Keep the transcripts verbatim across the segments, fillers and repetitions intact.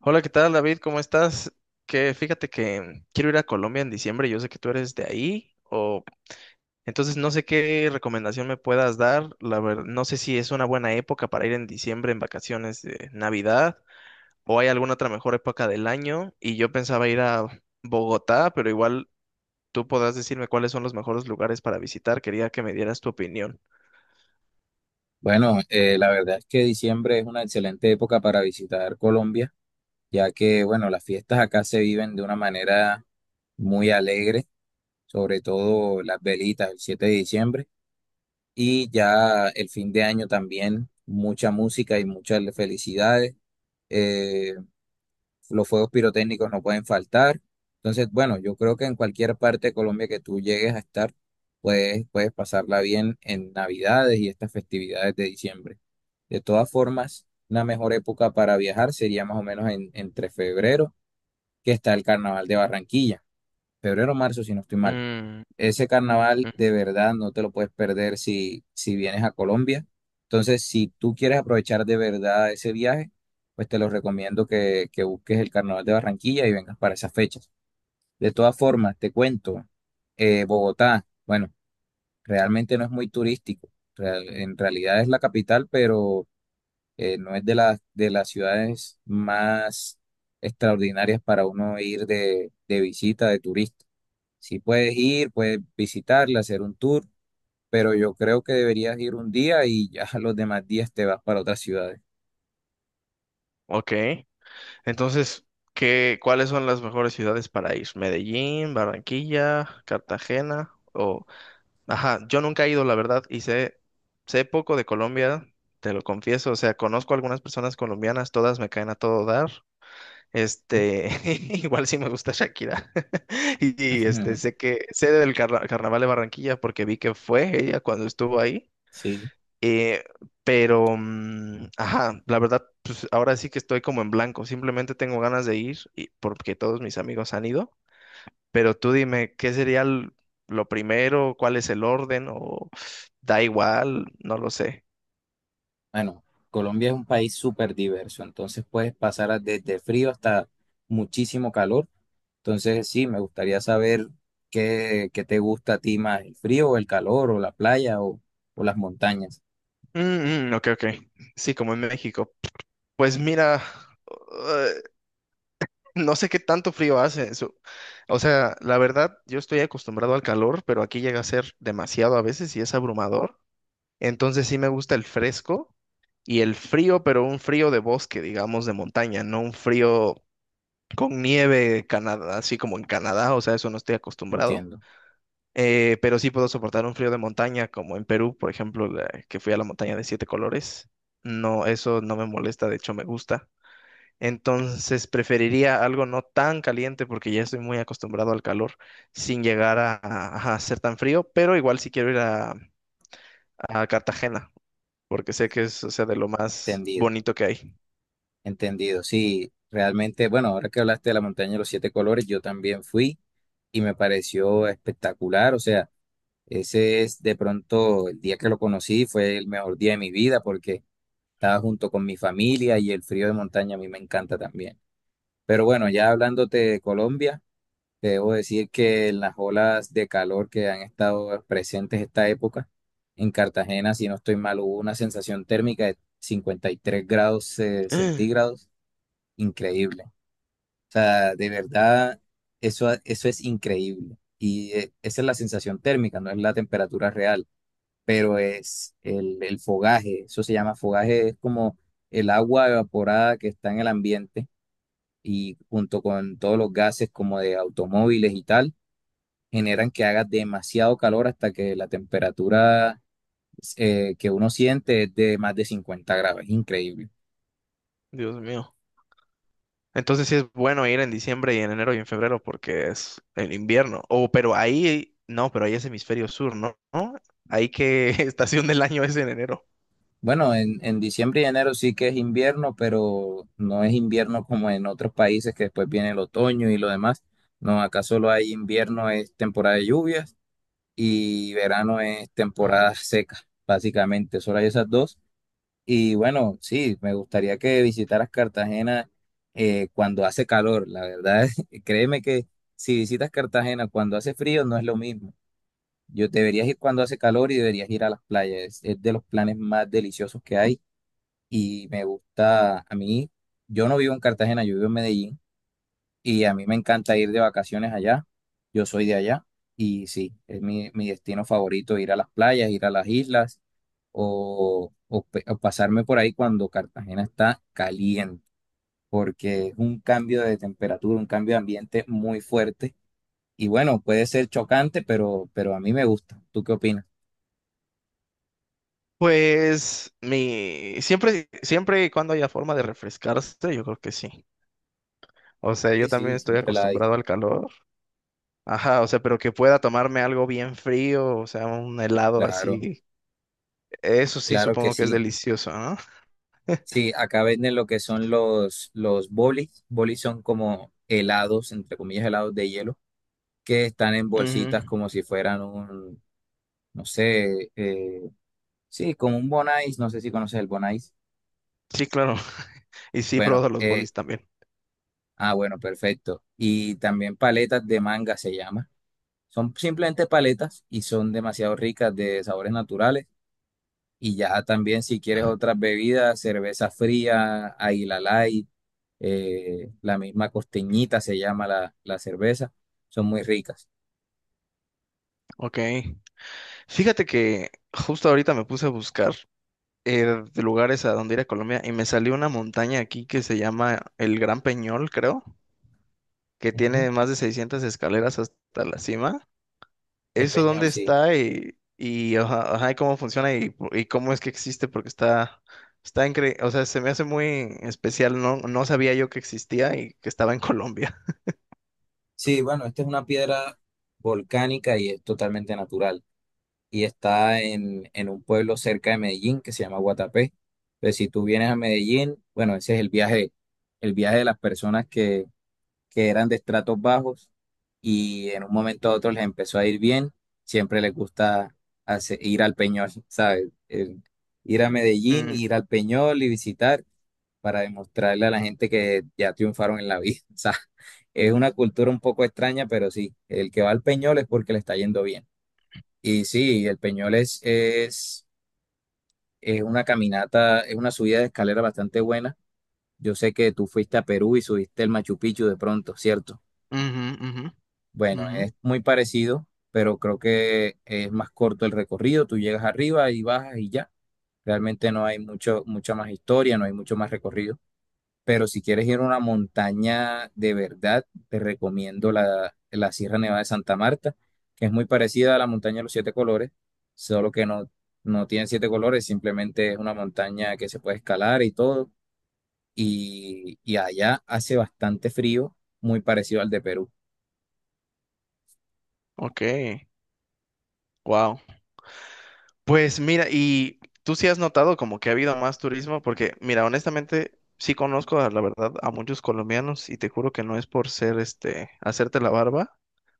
Hola, ¿qué tal, David? ¿Cómo estás? Que fíjate que quiero ir a Colombia en diciembre. Yo sé que tú eres de ahí, o entonces no sé qué recomendación me puedas dar. La verdad, no sé si es una buena época para ir en diciembre en vacaciones de Navidad o hay alguna otra mejor época del año. Y yo pensaba ir a Bogotá, pero igual tú podrás decirme cuáles son los mejores lugares para visitar. Quería que me dieras tu opinión. Bueno, eh, la verdad es que diciembre es una excelente época para visitar Colombia, ya que, bueno, las fiestas acá se viven de una manera muy alegre, sobre todo las velitas el siete de diciembre y ya el fin de año también mucha música y muchas felicidades. Eh, los fuegos pirotécnicos no pueden faltar. Entonces, bueno, yo creo que en cualquier parte de Colombia que tú llegues a estar, puedes, puedes pasarla bien en Navidades y estas festividades de diciembre. De todas formas, una mejor época para viajar sería más o menos en- entre febrero, que está el carnaval de Barranquilla. Febrero o marzo, si no estoy mal. Mm, Ese carnaval mm, de verdad no te lo puedes perder si, si vienes a Colombia. Entonces, si tú quieres aprovechar de verdad ese viaje, pues te lo recomiendo que, que busques el carnaval de Barranquilla y vengas para esas fechas. De todas formas, te cuento, eh, Bogotá, bueno, realmente no es muy turístico. Real- en realidad es la capital, pero eh, no es de las de las ciudades más extraordinarias para uno ir de, de visita, de turista. Si puedes ir, puedes visitarla, hacer un tour, pero yo creo que deberías ir un día y ya los demás días te vas para otras ciudades. ok. Entonces, ¿qué, cuáles son las mejores ciudades para ir? Medellín, Barranquilla, Cartagena o... Ajá, yo nunca he ido, la verdad, y sé, sé poco de Colombia, te lo confieso, o sea, conozco algunas personas colombianas, todas me caen a todo dar. Este, igual sí me gusta Shakira. Y, y, este, sé que sé del carna- carnaval de Barranquilla porque vi que fue ella cuando estuvo ahí. Sí, Eh, pero, mm, ajá, la verdad, pues ahora sí que estoy como en blanco. Simplemente tengo ganas de ir y- porque todos mis amigos han ido. Pero tú dime, ¿qué sería l- lo primero? ¿Cuál es el orden? ¿O da igual? No lo sé. bueno, Colombia es un país súper diverso, entonces puedes pasar a- desde frío hasta muchísimo calor. Entonces sí, me gustaría saber qué, qué te gusta a ti más, el frío o el calor o la playa o o las montañas. Mm, mm, ok, ok. Sí, como en México. Pues mira, eh, no sé qué tanto frío hace eso. O sea, la verdad, yo estoy acostumbrado al calor, pero aquí llega a ser demasiado a veces y es abrumador. Entonces sí me gusta el fresco y el frío, pero un frío de bosque, digamos, de montaña, no un frío con nieve, Canadá, así como en Canadá, o sea, eso no estoy acostumbrado. Entiendo, Eh, pero sí puedo soportar un frío de montaña, como en Perú, por ejemplo, la- que fui a la montaña de siete colores. No, eso no me molesta, de hecho me gusta. Entonces preferiría algo no tan caliente porque ya estoy muy acostumbrado al calor, sin llegar a, a- a ser tan frío, pero igual si quiero ir a a Cartagena porque sé que es, o sea, de lo más entendido, bonito que hay. entendido. Sí, realmente, bueno, ahora que hablaste de la montaña de los siete colores, yo también fui y me pareció espectacular. O sea, ese es de pronto el día que lo conocí, fue el mejor día de mi vida porque estaba junto con mi familia y el frío de montaña a mí me encanta también. Pero bueno, ya hablándote de Colombia. Debo decir que en las olas de calor que han estado presentes esta época, en Cartagena, si no estoy mal, hubo una sensación térmica de cincuenta y tres grados eh, centígrados, increíble. O sea, de verdad, eso, eso es increíble. Y eh, esa es la sensación térmica, no es la temperatura real, pero es el, el fogaje, eso se llama fogaje, es como el agua evaporada que está en el ambiente y junto con todos los gases como de automóviles y tal generan que haga demasiado calor hasta que la temperatura eh, que uno siente es de más de cincuenta grados. Es increíble. Dios mío. Entonces sí es bueno ir en diciembre y en enero y en febrero porque es el invierno. O pero ahí, no, pero ahí es hemisferio sur, ¿no? ¿No? Ahí qué estación del año es en enero. Bueno, en, en diciembre y enero sí que es invierno, pero no es invierno como en otros países que después viene el otoño y lo demás. No, acá solo hay invierno, es temporada de lluvias y verano es temporada seca, básicamente. Solo hay esas dos. Y bueno, sí, me gustaría que visitaras Cartagena eh, cuando hace calor, la verdad. Créeme que si visitas Cartagena cuando hace frío no es lo mismo. Yo deberías ir cuando hace calor y deberías ir a las playas. Es, es de los planes más deliciosos que hay y me gusta a mí. Yo no vivo en Cartagena, yo vivo en Medellín y a mí me encanta ir de vacaciones allá. Yo soy de allá. Y sí, es mi, mi destino favorito, ir a las playas, ir a las islas o, o pe- o pasarme por ahí cuando Cartagena está caliente, porque es un cambio de temperatura, un cambio de ambiente muy fuerte. Y bueno, puede ser chocante, pero, pero a mí me gusta. ¿Tú qué opinas? Pues mi siempre, siempre y cuando haya forma de refrescarse, yo creo que sí. O sea, Sí, yo también sí, estoy siempre la hay. acostumbrado al calor. Ajá, o sea, pero que pueda tomarme algo bien frío, o sea, un helado Claro, así. Eso sí, claro que supongo que es sí. delicioso, ¿no? Sí, acá venden lo que son los, los bolis. Bolis son como helados, entre comillas, helados de hielo que están en Ujú. bolsitas como si fueran un, no sé, eh, sí, como un bonais, no sé si conoces el bonais. Sí, claro. Y sí, he Bueno, probado los eh, bolis también. ah, bueno, perfecto. Y también paletas de manga se llama. Son simplemente paletas y son demasiado ricas de sabores naturales. Y ya también si quieres otras bebidas, cerveza fría, Águila Light, eh, la misma costeñita se llama la, la cerveza, son muy ricas. Ok. Fíjate que justo ahorita me puse a buscar eh, de lugares a donde ir a Colombia y me salió una montaña aquí que se llama el Gran Peñol, creo, que Ujú. tiene más de seiscientas escaleras hasta la cima. El ¿Eso Peñol, dónde sí. está y, y, ajá, ajá, y cómo funciona y, po- y cómo es que existe? Porque está, está increíble. O sea, se me hace muy especial. No, no sabía yo que existía y que estaba en Colombia. Sí, bueno, esta es una piedra volcánica y es totalmente natural. Y está en, en un pueblo cerca de Medellín que se llama Guatapé. Entonces, si tú vienes a Medellín, bueno, ese es el viaje, el viaje de las personas que, que eran de estratos bajos y en un momento a otro les empezó a ir bien. Siempre les gusta hace- ir al Peñol, ¿sabes? El ir a Medellín, Mm, ir al Peñol y visitar para demostrarle a la gente que ya triunfaron en la vida. O sea, es una cultura un poco extraña, pero sí, el que va al Peñol es porque le está yendo bien. Y sí, el Peñol es, es, es una caminata, es una subida de escalera bastante buena. Yo sé que tú fuiste a Perú y subiste el Machu Picchu de pronto, ¿cierto? ujú, ujú, Bueno, ujú. es muy parecido, pero creo que es más corto el recorrido. Tú llegas arriba y bajas y ya. Realmente no hay mucho, mucha más historia, no hay mucho más recorrido. Pero si quieres ir a una montaña de verdad, te recomiendo la, la Sierra Nevada de Santa Marta, que es muy parecida a la montaña de los siete colores, solo que no, no tiene siete colores, simplemente es una montaña que se puede escalar y todo. Y, y allá hace bastante frío, muy parecido al de Perú. Ok. Wow. Pues mira, y tú sí has notado como que ha habido más turismo, porque mira, honestamente sí conozco a- la verdad a muchos colombianos y te juro que no es por ser este, hacerte la barba,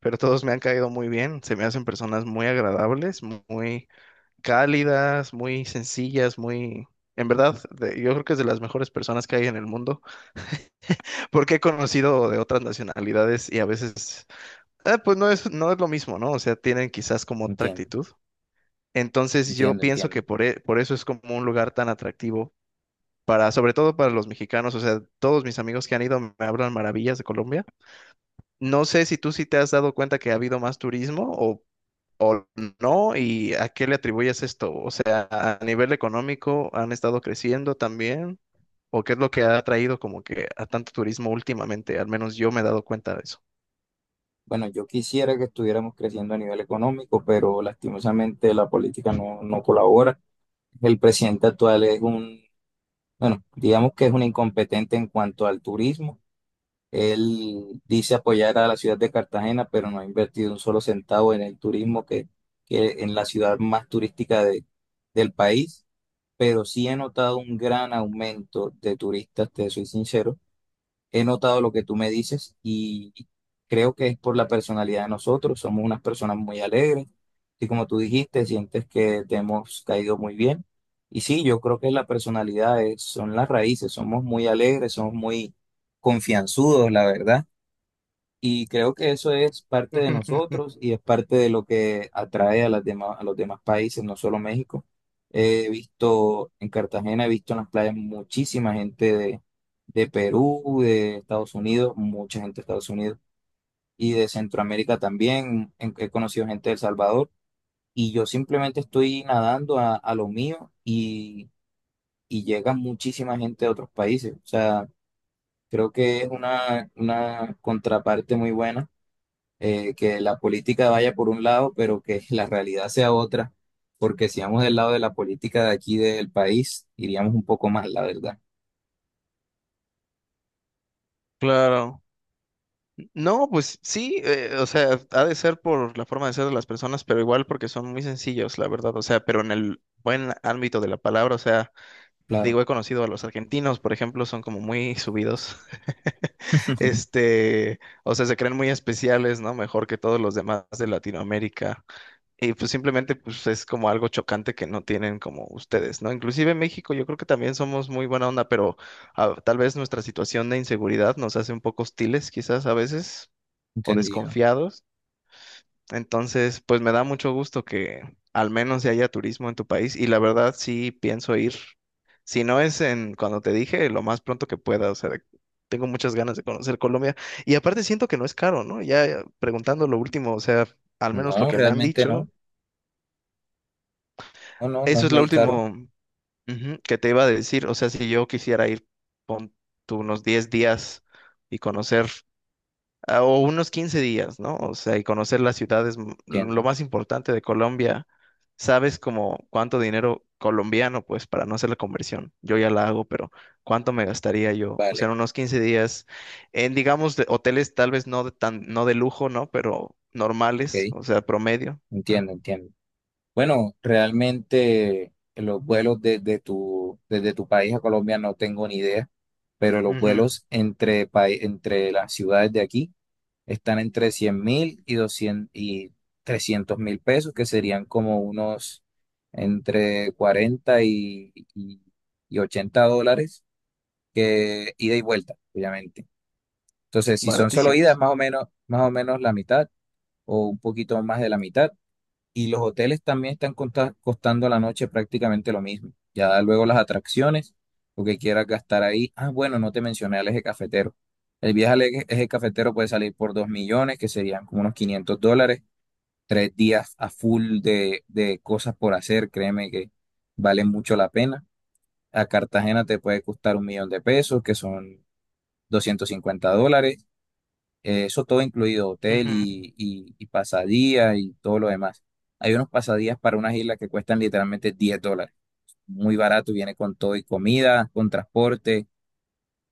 pero todos me han caído muy bien, se me hacen personas muy agradables, mu- muy cálidas, muy sencillas, muy... En verdad, de- yo creo que es de las mejores personas que hay en el mundo, porque he conocido de otras nacionalidades y a veces, eh, pues no es, no es lo mismo, ¿no? O sea, tienen quizás como otra Entiendo, actitud. Entonces yo entiendo, pienso que entiendo. por, e- por eso es como un lugar tan atractivo para, sobre todo para los mexicanos, o sea, todos mis amigos que han ido me hablan maravillas de Colombia. No sé si tú sí te has dado cuenta que ha habido más turismo o, o no, y a qué le atribuyes esto, o sea, a nivel económico han estado creciendo también, o qué es lo que ha traído como que a tanto turismo últimamente, al menos yo me he dado cuenta de eso. Bueno, yo quisiera que estuviéramos creciendo a nivel económico, pero lastimosamente la política no, no colabora. El presidente actual es un... Bueno, digamos que es un incompetente en cuanto al turismo. Él dice apoyar a la ciudad de Cartagena, pero no ha invertido un solo centavo en el turismo, que, que en la ciudad más turística de- del país. Pero sí he notado un gran aumento de turistas, te soy sincero. He notado lo que tú me dices y creo que es por la personalidad de nosotros. Somos unas personas muy alegres y como tú dijiste, sientes que te hemos caído muy bien. Y sí, yo creo que la personalidad es, son las raíces. Somos muy alegres, somos muy confianzudos, la verdad. Y creo que eso es parte de nosotros y es parte de lo que atrae a las demás, a los demás países, no solo México. He visto en Cartagena, he visto en las playas muchísima gente de, de Perú, de Estados Unidos, mucha gente de Estados Unidos y de Centroamérica también. En- He conocido gente de El Salvador y yo simplemente estoy nadando a, a lo mío y, y llega muchísima gente de otros países. O sea, creo que es una, una contraparte muy buena eh, que la política vaya por un lado, pero que la realidad sea otra, porque si vamos del lado de la política de aquí del país, iríamos un poco más, la verdad. Claro. No, pues sí, eh, o sea, ha de ser por la forma de ser de las personas, pero igual porque son muy sencillos, la verdad, o sea, pero en el buen ámbito de la palabra, o sea, Claro, digo, he conocido a los argentinos, por ejemplo, son como muy subidos, este, o sea, se creen muy especiales, ¿no? Mejor que todos los demás de Latinoamérica, y pues simplemente, pues es como algo chocante que no tienen como ustedes, ¿no? Inclusive en México yo creo que también somos muy buena onda, pero ah, tal vez nuestra situación de inseguridad nos hace un poco hostiles, quizás a veces o entendido. desconfiados. Entonces, pues me da mucho gusto que al menos ya haya turismo en tu país y la verdad sí pienso ir. Si no es en cuando te dije, lo más pronto que pueda, o sea, de- tengo muchas ganas de conocer Colombia y aparte siento que no es caro, ¿no? Ya eh, preguntando lo último, o sea, al menos lo No, que me han realmente dicho, no. No, no, no eso es es lo muy caro. último ujú, que te iba a decir, o sea, si yo quisiera ir, pon tú unos diez días y conocer. Ah, o unos quince días, ¿no? O sea, y conocer las ciudades, m- lo Entiendo. más importante de Colombia. Sabes como cuánto dinero colombiano, pues para no hacer la conversión, yo ya la hago, pero cuánto me gastaría yo, o sea, Vale, en unos quince días en, digamos, de hoteles tal vez no de tan, no de lujo, ¿no? Pero normales, ok. o sea, promedio. Ajá. Entiendo, entiendo. Bueno, realmente los vuelos desde tu, desde tu país a Colombia no tengo ni idea, pero los Ujú. vuelos entre, pai- entre las ciudades de aquí. Están entre cien mil y doscientos y trescientos mil pesos, que serían como unos entre cuarenta y, y- y ochenta dólares, que ida y vuelta, obviamente. Entonces, si son solo idas, Baratísimos. más o menos, más o menos la mitad o un poquito más de la mitad y los hoteles también están costa- costando a la noche prácticamente lo mismo. Ya luego las atracciones, lo que quieras gastar ahí. Ah, bueno, no te mencioné al eje cafetero. El viaje al eje, eje cafetero puede salir por dos millones, que serían como unos quinientos dólares. Tres días a full de, de cosas por hacer, créeme que vale mucho la pena. A Cartagena te puede costar un millón de pesos, que son doscientos cincuenta dólares. Eh, eso todo incluido, hotel Ujú, y, y, y pasadía y todo lo demás. Hay unos pasadías para unas islas que cuestan literalmente diez dólares. Muy barato, viene con todo y comida, con transporte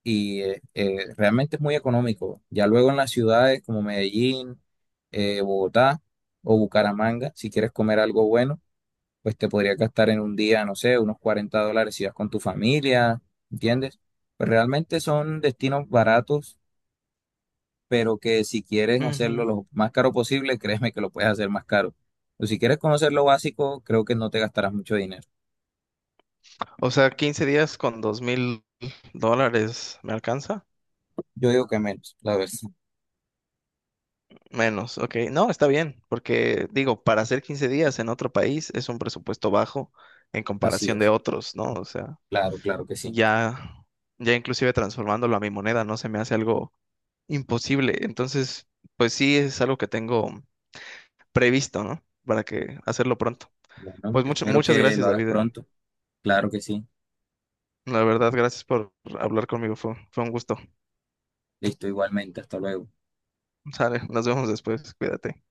y eh, eh, realmente es muy económico. Ya luego en las ciudades como Medellín, eh, Bogotá o Bucaramanga, si quieres comer algo bueno, pues te podría gastar en un día, no sé, unos cuarenta dólares si vas con tu familia, ¿entiendes? Pues realmente son destinos baratos pero que si quieres hacerlo ujú. lo más caro posible, créeme que lo puedes hacer más caro. Pero si quieres conocer lo básico, creo que no te gastarás mucho dinero. O sea, quince días con dos mil dólares, ¿me alcanza? Yo digo que menos, la verdad. Menos, ok. No, está bien, porque digo, para hacer quince días en otro país es un presupuesto bajo en Así comparación de es. otros, ¿no? O sea, Claro, claro que sí. ya, ya inclusive transformándolo a mi moneda no se me hace algo imposible. Entonces, pues sí, es algo que tengo previsto, ¿no? Para que hacerlo pronto. Bueno, Pues mucho, espero muchas que gracias, lo hagas David. pronto. Claro que sí. La verdad, gracias por hablar conmigo. Fue, fue un gusto. Listo, igualmente. Hasta luego. Sale, nos vemos después. Cuídate.